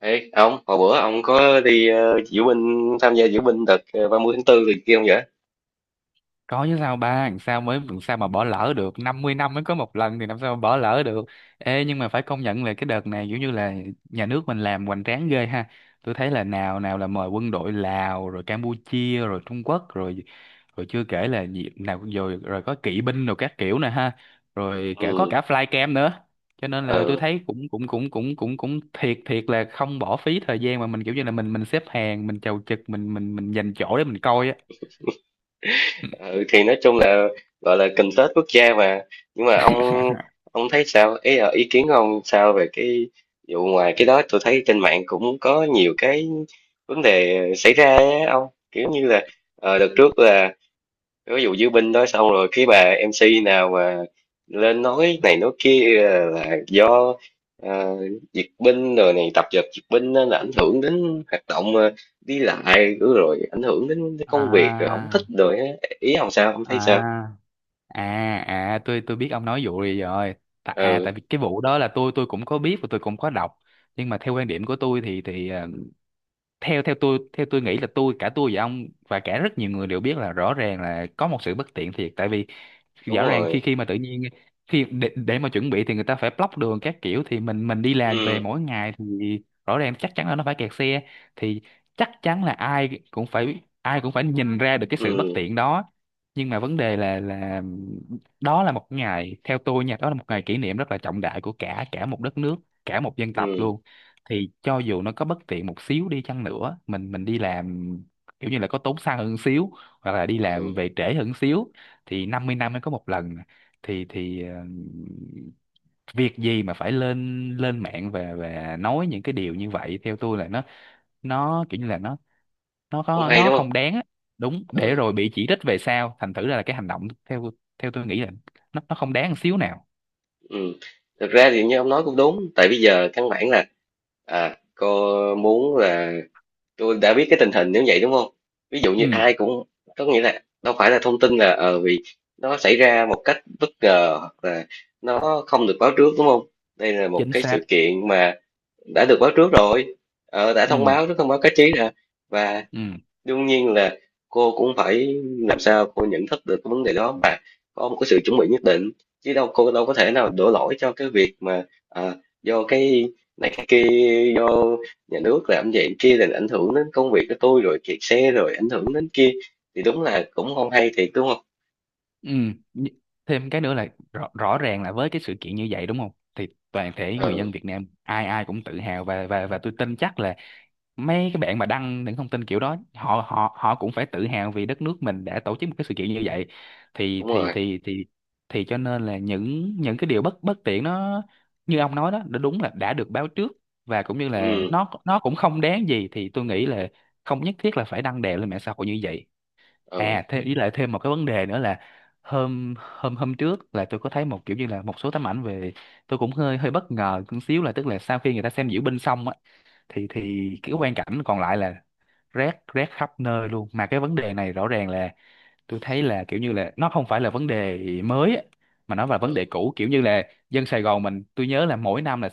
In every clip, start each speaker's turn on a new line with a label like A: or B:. A: Ê, ông, hồi bữa ông có đi diễu binh, tham gia diễu binh đợt 30 tháng 4 thì kia không vậy?
B: Có chứ, sao ba làm sao mà bỏ lỡ được, 50 năm mới có một lần thì làm sao mà bỏ lỡ được. Ê, nhưng mà phải công nhận là cái đợt này kiểu như là nhà nước mình làm hoành tráng ghê ha. Tôi thấy là nào nào là mời quân đội Lào rồi Campuchia rồi Trung Quốc rồi, rồi chưa kể là gì nào, rồi rồi có kỵ binh rồi các kiểu nè ha, rồi cả có
A: Ừ,
B: cả flycam nữa. Cho nên là tôi
A: ừ,
B: thấy cũng cũng cũng cũng cũng cũng thiệt thiệt là không bỏ phí thời gian mà mình kiểu như là mình xếp hàng, mình chầu chực, mình dành chỗ để mình coi á.
A: ừ, thì nói chung là gọi là cần tết quốc gia mà. Nhưng mà ông thấy sao? Ý kiến của ông sao về cái vụ ngoài cái đó? Tôi thấy trên mạng cũng có nhiều cái vấn đề xảy ra á ông. Kiểu như là đợt trước là ví dụ diễu binh đó xong rồi cái bà MC nào mà lên nói này nói kia là do ờ, duyệt binh rồi này tập dượt duyệt binh nên là ảnh hưởng đến hoạt động đi lại rồi rồi ảnh hưởng đến cái công việc rồi không
B: à
A: thích rồi á. Ý ông sao? Ông
B: à
A: thấy sao?
B: à à, tôi biết ông nói vụ gì rồi. À,
A: Ừ,
B: tại vì cái vụ đó là tôi cũng có biết và tôi cũng có đọc. Nhưng mà theo quan điểm của tôi thì theo theo tôi nghĩ là tôi, cả tôi và ông và cả rất nhiều người đều biết là rõ ràng là có một sự bất tiện thiệt, tại vì
A: đúng
B: rõ ràng khi
A: rồi.
B: khi mà tự nhiên khi để mà chuẩn bị thì người ta phải block đường các kiểu, thì mình đi làm về
A: Ừ,
B: mỗi ngày thì rõ ràng chắc chắn là nó phải kẹt xe. Thì chắc chắn là ai cũng phải nhìn ra được cái sự bất
A: ừ,
B: tiện đó. Nhưng mà vấn đề là đó là một ngày, theo tôi nha, đó là một ngày kỷ niệm rất là trọng đại của cả cả một đất nước, cả một dân tộc
A: ừ,
B: luôn. Thì cho dù nó có bất tiện một xíu đi chăng nữa, mình đi làm kiểu như là có tốn xăng hơn xíu, hoặc là đi
A: ừ,
B: làm về trễ hơn xíu, thì 50 năm mới có một lần thì việc gì mà phải lên lên mạng và nói những cái điều như vậy. Theo tôi là nó kiểu như là
A: không hay
B: nó
A: đúng không?
B: không đáng á. Đúng, để
A: Ừ,
B: rồi bị chỉ trích về sau, thành thử ra là cái hành động theo theo tôi nghĩ là nó không đáng một xíu nào.
A: ừ, thực ra thì như ông nói cũng đúng, tại bây giờ căn bản là, à, cô muốn là, tôi đã biết cái tình hình nếu vậy đúng không? Ví dụ như
B: Ừ,
A: ai cũng có nghĩa là đâu phải là thông tin là, vì nó xảy ra một cách bất ngờ hoặc là nó không được báo trước đúng không? Đây là một
B: chính
A: cái
B: xác.
A: sự kiện mà đã được báo trước rồi, đã thông
B: Ừ,
A: báo trước, thông báo cáo chí ra. Và
B: ừ,
A: đương nhiên là cô cũng phải làm sao cô nhận thức được cái vấn đề đó và có một cái sự chuẩn bị nhất định, chứ đâu, cô đâu có thể nào đổ lỗi cho cái việc mà, à, do cái này cái kia, do nhà nước làm vậy kia là ảnh hưởng đến công việc của tôi rồi kẹt xe rồi ảnh hưởng đến kia thì đúng là cũng không hay thiệt đúng không?
B: ừ. Nh- Thêm cái nữa là rõ ràng là với cái sự kiện như vậy đúng không, thì toàn thể người
A: Ừ,
B: dân Việt Nam ai ai cũng tự hào, và tôi tin chắc là mấy cái bạn mà đăng những thông tin kiểu đó, họ họ họ cũng phải tự hào vì đất nước mình đã tổ chức một cái sự kiện như vậy. Thì
A: đúng
B: thì
A: rồi.
B: thì thì thì Cho nên là những cái điều bất bất tiện nó, như ông nói đó, nó đúng là đã được báo trước, và cũng như là
A: Ừ,
B: nó cũng không đáng gì, thì tôi nghĩ là không nhất thiết là phải đăng đè lên mạng xã hội như vậy.
A: ừ,
B: À, thêm với lại thêm một cái vấn đề nữa là hôm hôm hôm trước là tôi có thấy một kiểu như là một số tấm ảnh về, tôi cũng hơi hơi bất ngờ một xíu, là tức là sau khi người ta xem diễu binh xong á thì cái quang cảnh còn lại là rác, rác khắp nơi luôn. Mà cái vấn đề này rõ ràng là tôi thấy là kiểu như là nó không phải là vấn đề mới á, mà nó là vấn
A: ừ,
B: đề cũ. Kiểu như là dân Sài Gòn mình, tôi nhớ là mỗi năm là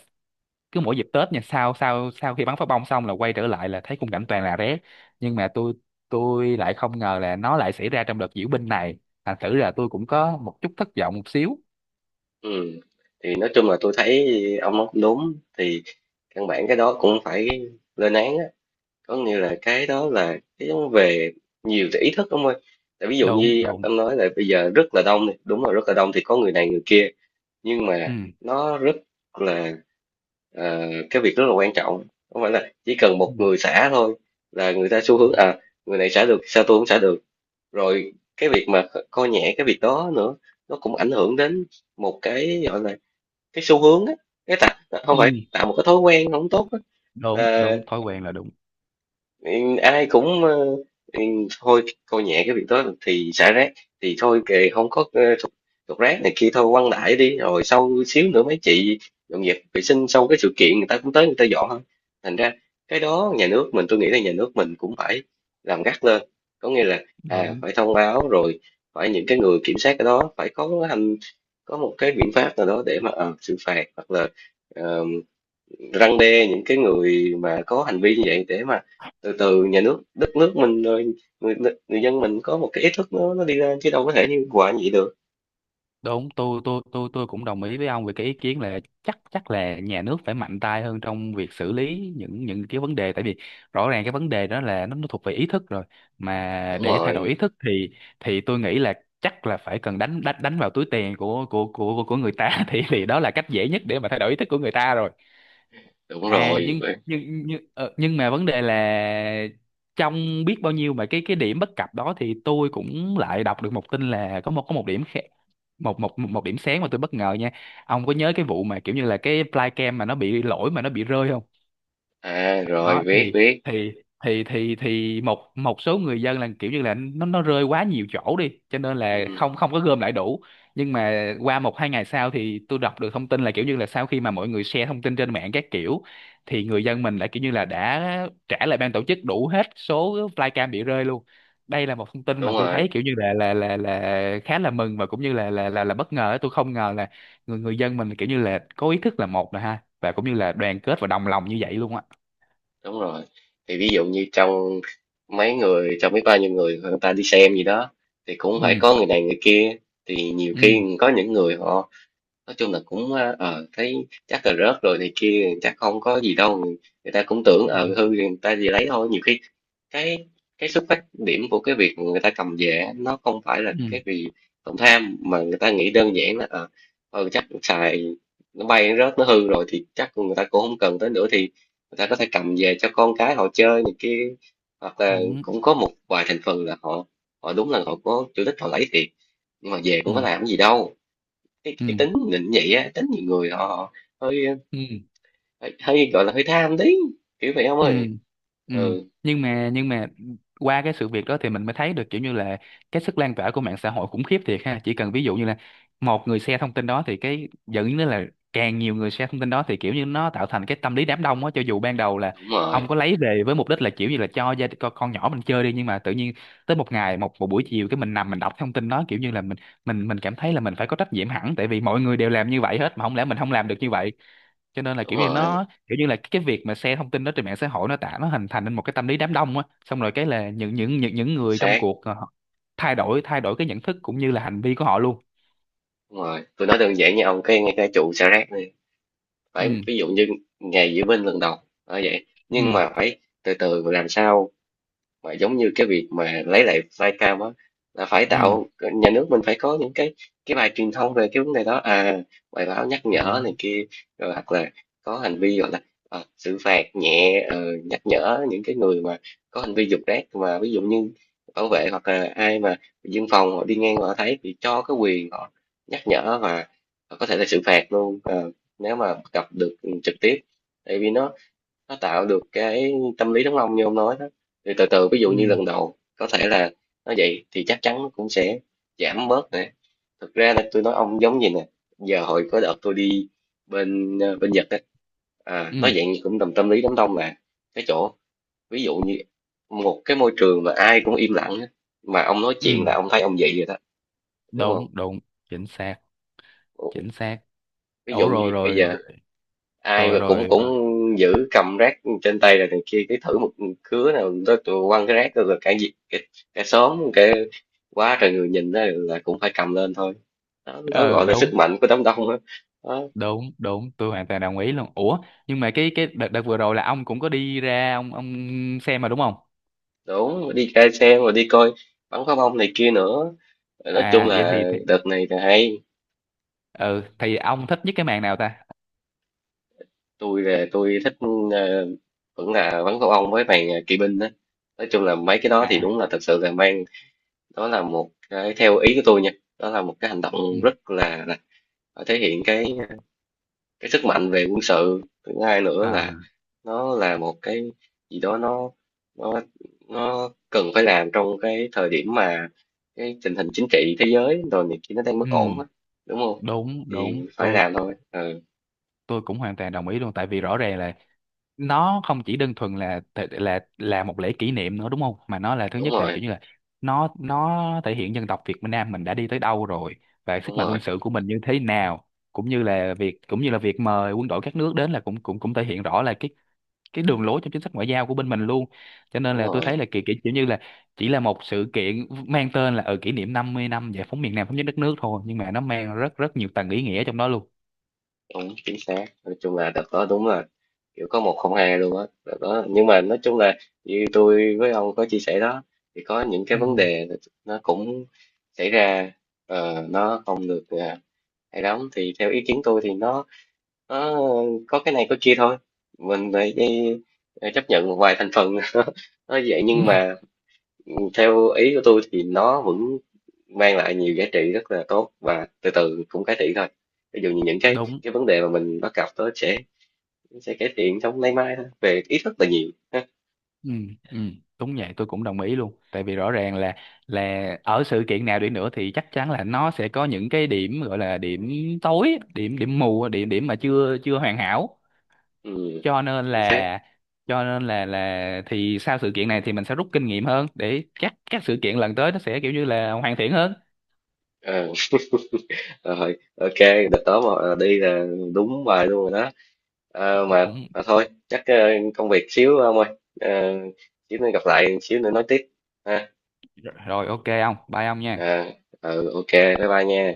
B: cứ mỗi dịp Tết nha, sau sau sau khi bắn pháo bông xong là quay trở lại là thấy khung cảnh toàn là rác. Nhưng mà tôi lại không ngờ là nó lại xảy ra trong đợt diễu binh này. Thành thử là tôi cũng có một chút thất vọng một xíu.
A: ừ, thì nói chung là tôi thấy ông nói cũng đúng thì căn bản cái đó cũng phải lên án á, có nghĩa là cái đó là cái giống về nhiều cái ý thức ông ơi. Tại ví dụ
B: Đúng,
A: như
B: đúng.
A: ông nói là bây giờ rất là đông, đi đúng rồi, rất là đông thì có người này người kia, nhưng mà
B: Ừ.
A: nó rất là, ờ, cái việc rất là quan trọng. Không phải là chỉ cần một
B: ừ,
A: người xả thôi là người ta xu hướng
B: Đúng.
A: à, người này xả được sao tôi cũng xả được, rồi cái việc mà coi nhẹ cái việc đó nữa nó cũng ảnh hưởng đến một cái gọi là cái xu hướng á, cái tạo,
B: ừ,
A: không phải tạo một cái thói quen không tốt á.
B: Đúng,
A: Là
B: đúng, thói quen là đúng.
A: Ừ, ai cũng ừ, thôi coi nhẹ cái việc đó thì xả rác thì thôi kệ, không có thục rác này kia thôi quăng đại đi, rồi sau xíu nữa mấy chị dọn dẹp vệ sinh sau cái sự kiện người ta cũng tới người ta dọn thôi. Thành ra cái đó nhà nước mình, tôi nghĩ là nhà nước mình cũng phải làm gắt lên, có nghĩa là, à,
B: Đúng.
A: phải thông báo rồi, phải những cái người kiểm soát cái đó phải có hành, có một cái biện pháp nào đó để mà xử phạt hoặc là răn đe những cái người mà có hành vi như vậy, để mà từ từ nhà nước, đất nước mình rồi người, người dân mình có một cái ý thức nó đi lên, chứ đâu có thể như hoài như vậy được.
B: Đúng, tôi cũng đồng ý với ông về cái ý kiến là chắc chắc là nhà nước phải mạnh tay hơn trong việc xử lý những cái vấn đề. Tại vì rõ ràng cái vấn đề đó là nó thuộc về ý thức rồi, mà
A: Đúng
B: để thay đổi
A: rồi.
B: ý thức thì tôi nghĩ là chắc là phải cần đánh đánh đánh vào túi tiền của người ta thì đó là cách dễ nhất để mà thay đổi ý thức của người ta rồi.
A: Đúng
B: À,
A: rồi.
B: nhưng
A: Vậy-
B: nhưng nhưng ờ, nhưng mà vấn đề là trong biết bao nhiêu mà cái điểm bất cập đó, thì tôi cũng lại đọc được một tin là có một, có một điểm, một một một một điểm sáng mà tôi bất ngờ nha. Ông có nhớ cái vụ mà kiểu như là cái flycam mà nó bị lỗi mà nó bị rơi không?
A: à rồi,
B: Đó,
A: biết
B: thì
A: biết
B: thì một, số người dân là kiểu như là nó rơi quá nhiều chỗ đi, cho nên
A: Ừ,
B: là không không có gom lại đủ. Nhưng mà qua 1 2 ngày sau thì tôi đọc được thông tin là kiểu như là sau khi mà mọi người share thông tin trên mạng các kiểu, thì người dân mình lại kiểu như là đã trả lại ban tổ chức đủ hết số flycam bị rơi luôn. Đây là một thông tin
A: đúng
B: mà tôi
A: rồi.
B: thấy kiểu như là khá là mừng, và cũng như là là bất ngờ. Tôi không ngờ là người người dân mình kiểu như là có ý thức là một rồi ha, và cũng như là đoàn kết và đồng lòng như vậy luôn á.
A: Đúng rồi. Thì ví dụ như trong mấy người, trong biết bao nhiêu người, người ta đi xem gì đó thì cũng phải
B: Ừ,
A: có người này người kia, thì nhiều
B: ừ,
A: khi có những người họ nói chung là cũng, thấy chắc là rớt rồi này kia, chắc không có gì đâu, người ta cũng tưởng,
B: ừ,
A: hư thì người ta gì lấy thôi. Nhiều khi cái cái xuất phát điểm của cái việc người ta cầm về á, nó không phải là
B: ừ,
A: cái vì lòng tham, mà người ta nghĩ đơn giản là, chắc xài, nó bay nó rớt nó hư rồi thì chắc người ta cũng không cần tới nữa, thì người ta có thể cầm về cho con cái họ chơi này kia. Hoặc là
B: đúng,
A: cũng có một vài thành phần là họ, họ đúng là họ có chủ đích họ lấy thiệt, nhưng mà về
B: ừ,
A: cũng có làm gì đâu, cái,
B: ừ,
A: cái tính định vậy á, tính nhiều người họ hơi,
B: ừ,
A: hơi gọi là hơi tham tí kiểu vậy ông
B: ừ,
A: ơi.
B: ừ.
A: Ừ,
B: Nhưng mà Qua cái sự việc đó thì mình mới thấy được kiểu như là cái sức lan tỏa của mạng xã hội khủng khiếp thiệt ha. Chỉ cần ví dụ như là một người share thông tin đó, thì cái dẫn đến là càng nhiều người share thông tin đó, thì kiểu như nó tạo thành cái tâm lý đám đông á. Cho dù ban đầu là
A: đúng rồi.
B: ông có lấy về với mục đích là kiểu như là cho con nhỏ mình chơi đi, nhưng mà tự nhiên tới một ngày, một buổi chiều cái mình nằm mình đọc thông tin đó, kiểu như là mình cảm thấy là mình phải có trách nhiệm hẳn, tại vì mọi người đều làm như vậy hết mà không lẽ mình không làm được như vậy. Cho nên là
A: Đúng
B: kiểu như
A: rồi.
B: nó kiểu như là cái việc mà share thông tin đó trên mạng xã hội, nó nó hình thành nên một cái tâm lý đám đông á, xong rồi cái là những
A: Chính
B: người trong
A: xác.
B: cuộc họ thay đổi, cái nhận thức cũng như là hành vi của họ luôn.
A: Đúng rồi, tôi nói đơn giản nha ông, cái ngay cái trụ xả rác này,
B: Ừ,
A: phải ví dụ như ngày diễu binh lần đầu ở vậy, nhưng
B: ừ,
A: mà phải từ từ làm sao mà giống như cái việc mà lấy lại Flycam á, là phải
B: ừ,
A: tạo, nhà nước mình phải có những cái bài truyền thông về cái vấn đề đó, à, bài báo nhắc nhở
B: đúng,
A: này kia, rồi hoặc là có hành vi gọi là xử phạt nhẹ, nhắc nhở những cái người mà có hành vi dục rác, mà ví dụ như bảo vệ hoặc là ai mà dân phòng họ đi ngang họ thấy thì cho cái quyền họ nhắc nhở và có thể là xử phạt luôn, nếu mà gặp được trực tiếp, tại vì nó tạo được cái tâm lý đám đông như ông nói đó thì từ từ, ví dụ như
B: ừ,
A: lần đầu có thể là nó vậy thì chắc chắn nó cũng sẽ giảm bớt nè. Thực ra là tôi nói ông giống gì nè, giờ hồi có đợt tôi đi bên Nhật á, à,
B: ừ,
A: nó dạng như cũng tầm tâm lý đám đông, là cái chỗ ví dụ như một cái môi trường mà ai cũng im lặng á, mà ông nói
B: ừ,
A: chuyện là ông thấy ông vậy rồi đó, đúng không?
B: đúng, đúng, chính xác, chính xác.
A: Ví
B: Ủa,
A: dụ như
B: rồi
A: bây
B: rồi
A: giờ ai
B: rồi
A: mà cũng
B: rồi.
A: cũng giữ cầm rác trên tay rồi này kia, cái thử một cứa nào tôi quăng cái rác rồi cả gì cả, cả xóm cả quá trời người nhìn đó là cũng phải cầm lên thôi. Đó, đó
B: Ờ,
A: gọi là
B: đúng,
A: sức mạnh của đám đông đó. Đó,
B: đúng. Đúng, tôi hoàn toàn đồng ý luôn. Ủa, nhưng mà cái đợt đợt vừa rồi là ông cũng có đi ra, ông xem mà đúng không?
A: đúng, đi ra xe mà đi coi bắn pháo bông này kia nữa. Rồi nói chung
B: À vậy thì
A: là đợt này là hay.
B: ừ, thì ông thích nhất cái màn nào ta?
A: Tôi là tôi thích, ờ, vẫn là bắn pháo bông với màn kỵ binh đó. Nói chung là mấy cái đó thì
B: À,
A: đúng là thật sự là mang, đó là một cái theo ý của tôi nha, đó là một cái hành
B: ừ,
A: động rất là thể hiện cái sức mạnh về quân sự. Thứ hai nữa
B: à,
A: là nó là một cái gì đó, nó nó nó cần phải làm trong cái thời điểm mà cái tình hình chính trị thế giới rồi này kia nó đang bất
B: ừ,
A: ổn á, đúng không?
B: đúng.
A: Thì
B: Đúng,
A: phải làm thôi. Ừ,
B: tôi cũng hoàn toàn đồng ý luôn. Tại vì rõ ràng là nó không chỉ đơn thuần là một lễ kỷ niệm nữa đúng không, mà nó là thứ
A: đúng
B: nhất là
A: rồi.
B: kiểu như là nó thể hiện dân tộc Việt Nam mình đã đi tới đâu rồi, và
A: Đúng
B: sức mạnh
A: rồi.
B: quân sự của mình như thế nào. Cũng như là việc mời quân đội các nước đến, là cũng cũng cũng thể hiện rõ là cái đường lối trong chính sách ngoại giao của bên mình luôn. Cho nên
A: Đúng
B: là tôi
A: rồi.
B: thấy là kiểu, kiểu kiểu như là chỉ là một sự kiện mang tên là ở kỷ niệm 50 năm giải phóng miền Nam thống nhất đất nước thôi, nhưng mà nó mang rất rất nhiều tầng ý nghĩa trong đó luôn.
A: Đúng, chính xác, nói chung là đợt đó đúng là kiểu có một không hai luôn á đó. Đó nhưng mà nói chung là như tôi với ông có chia sẻ đó, thì có những cái
B: Ừ.
A: vấn đề nó cũng xảy ra, nó không được, à, hay lắm, thì theo ý kiến tôi thì nó có cái này có kia thôi, mình phải đi, chấp nhận một vài thành phần nó vậy
B: Ừ.
A: nhưng mà, ừ, theo ý của tôi thì nó vẫn mang lại nhiều giá trị rất là tốt và từ từ cũng cải thiện thôi. Ví dụ như những
B: Đúng.
A: cái vấn đề mà mình bắt gặp đó sẽ, nó sẽ cải thiện trong nay mai thôi về ý thức là nhiều ha.
B: Ừ. Ừ. Đúng vậy, tôi cũng đồng ý luôn. Tại vì rõ ràng là ở sự kiện nào đi nữa thì chắc chắn là nó sẽ có những cái điểm, gọi là điểm tối, điểm điểm mù, điểm điểm mà chưa chưa hoàn hảo.
A: Ừ,
B: Cho nên
A: chính xác.
B: là thì sau sự kiện này thì mình sẽ rút kinh nghiệm hơn, để các sự kiện lần tới nó sẽ kiểu như là hoàn thiện hơn.
A: Ờ, rồi ok, đợt đó mà, à, đi là đúng bài luôn rồi đó. Ờ, mà,
B: Đúng.
A: mà thôi chắc, công việc xíu ông ơi. Ờ, xíu nữa gặp lại, xíu nữa nói tiếp ha.
B: Rồi, ok, ông bye ông nha.
A: Ờ, ừ, ok bye bye nha.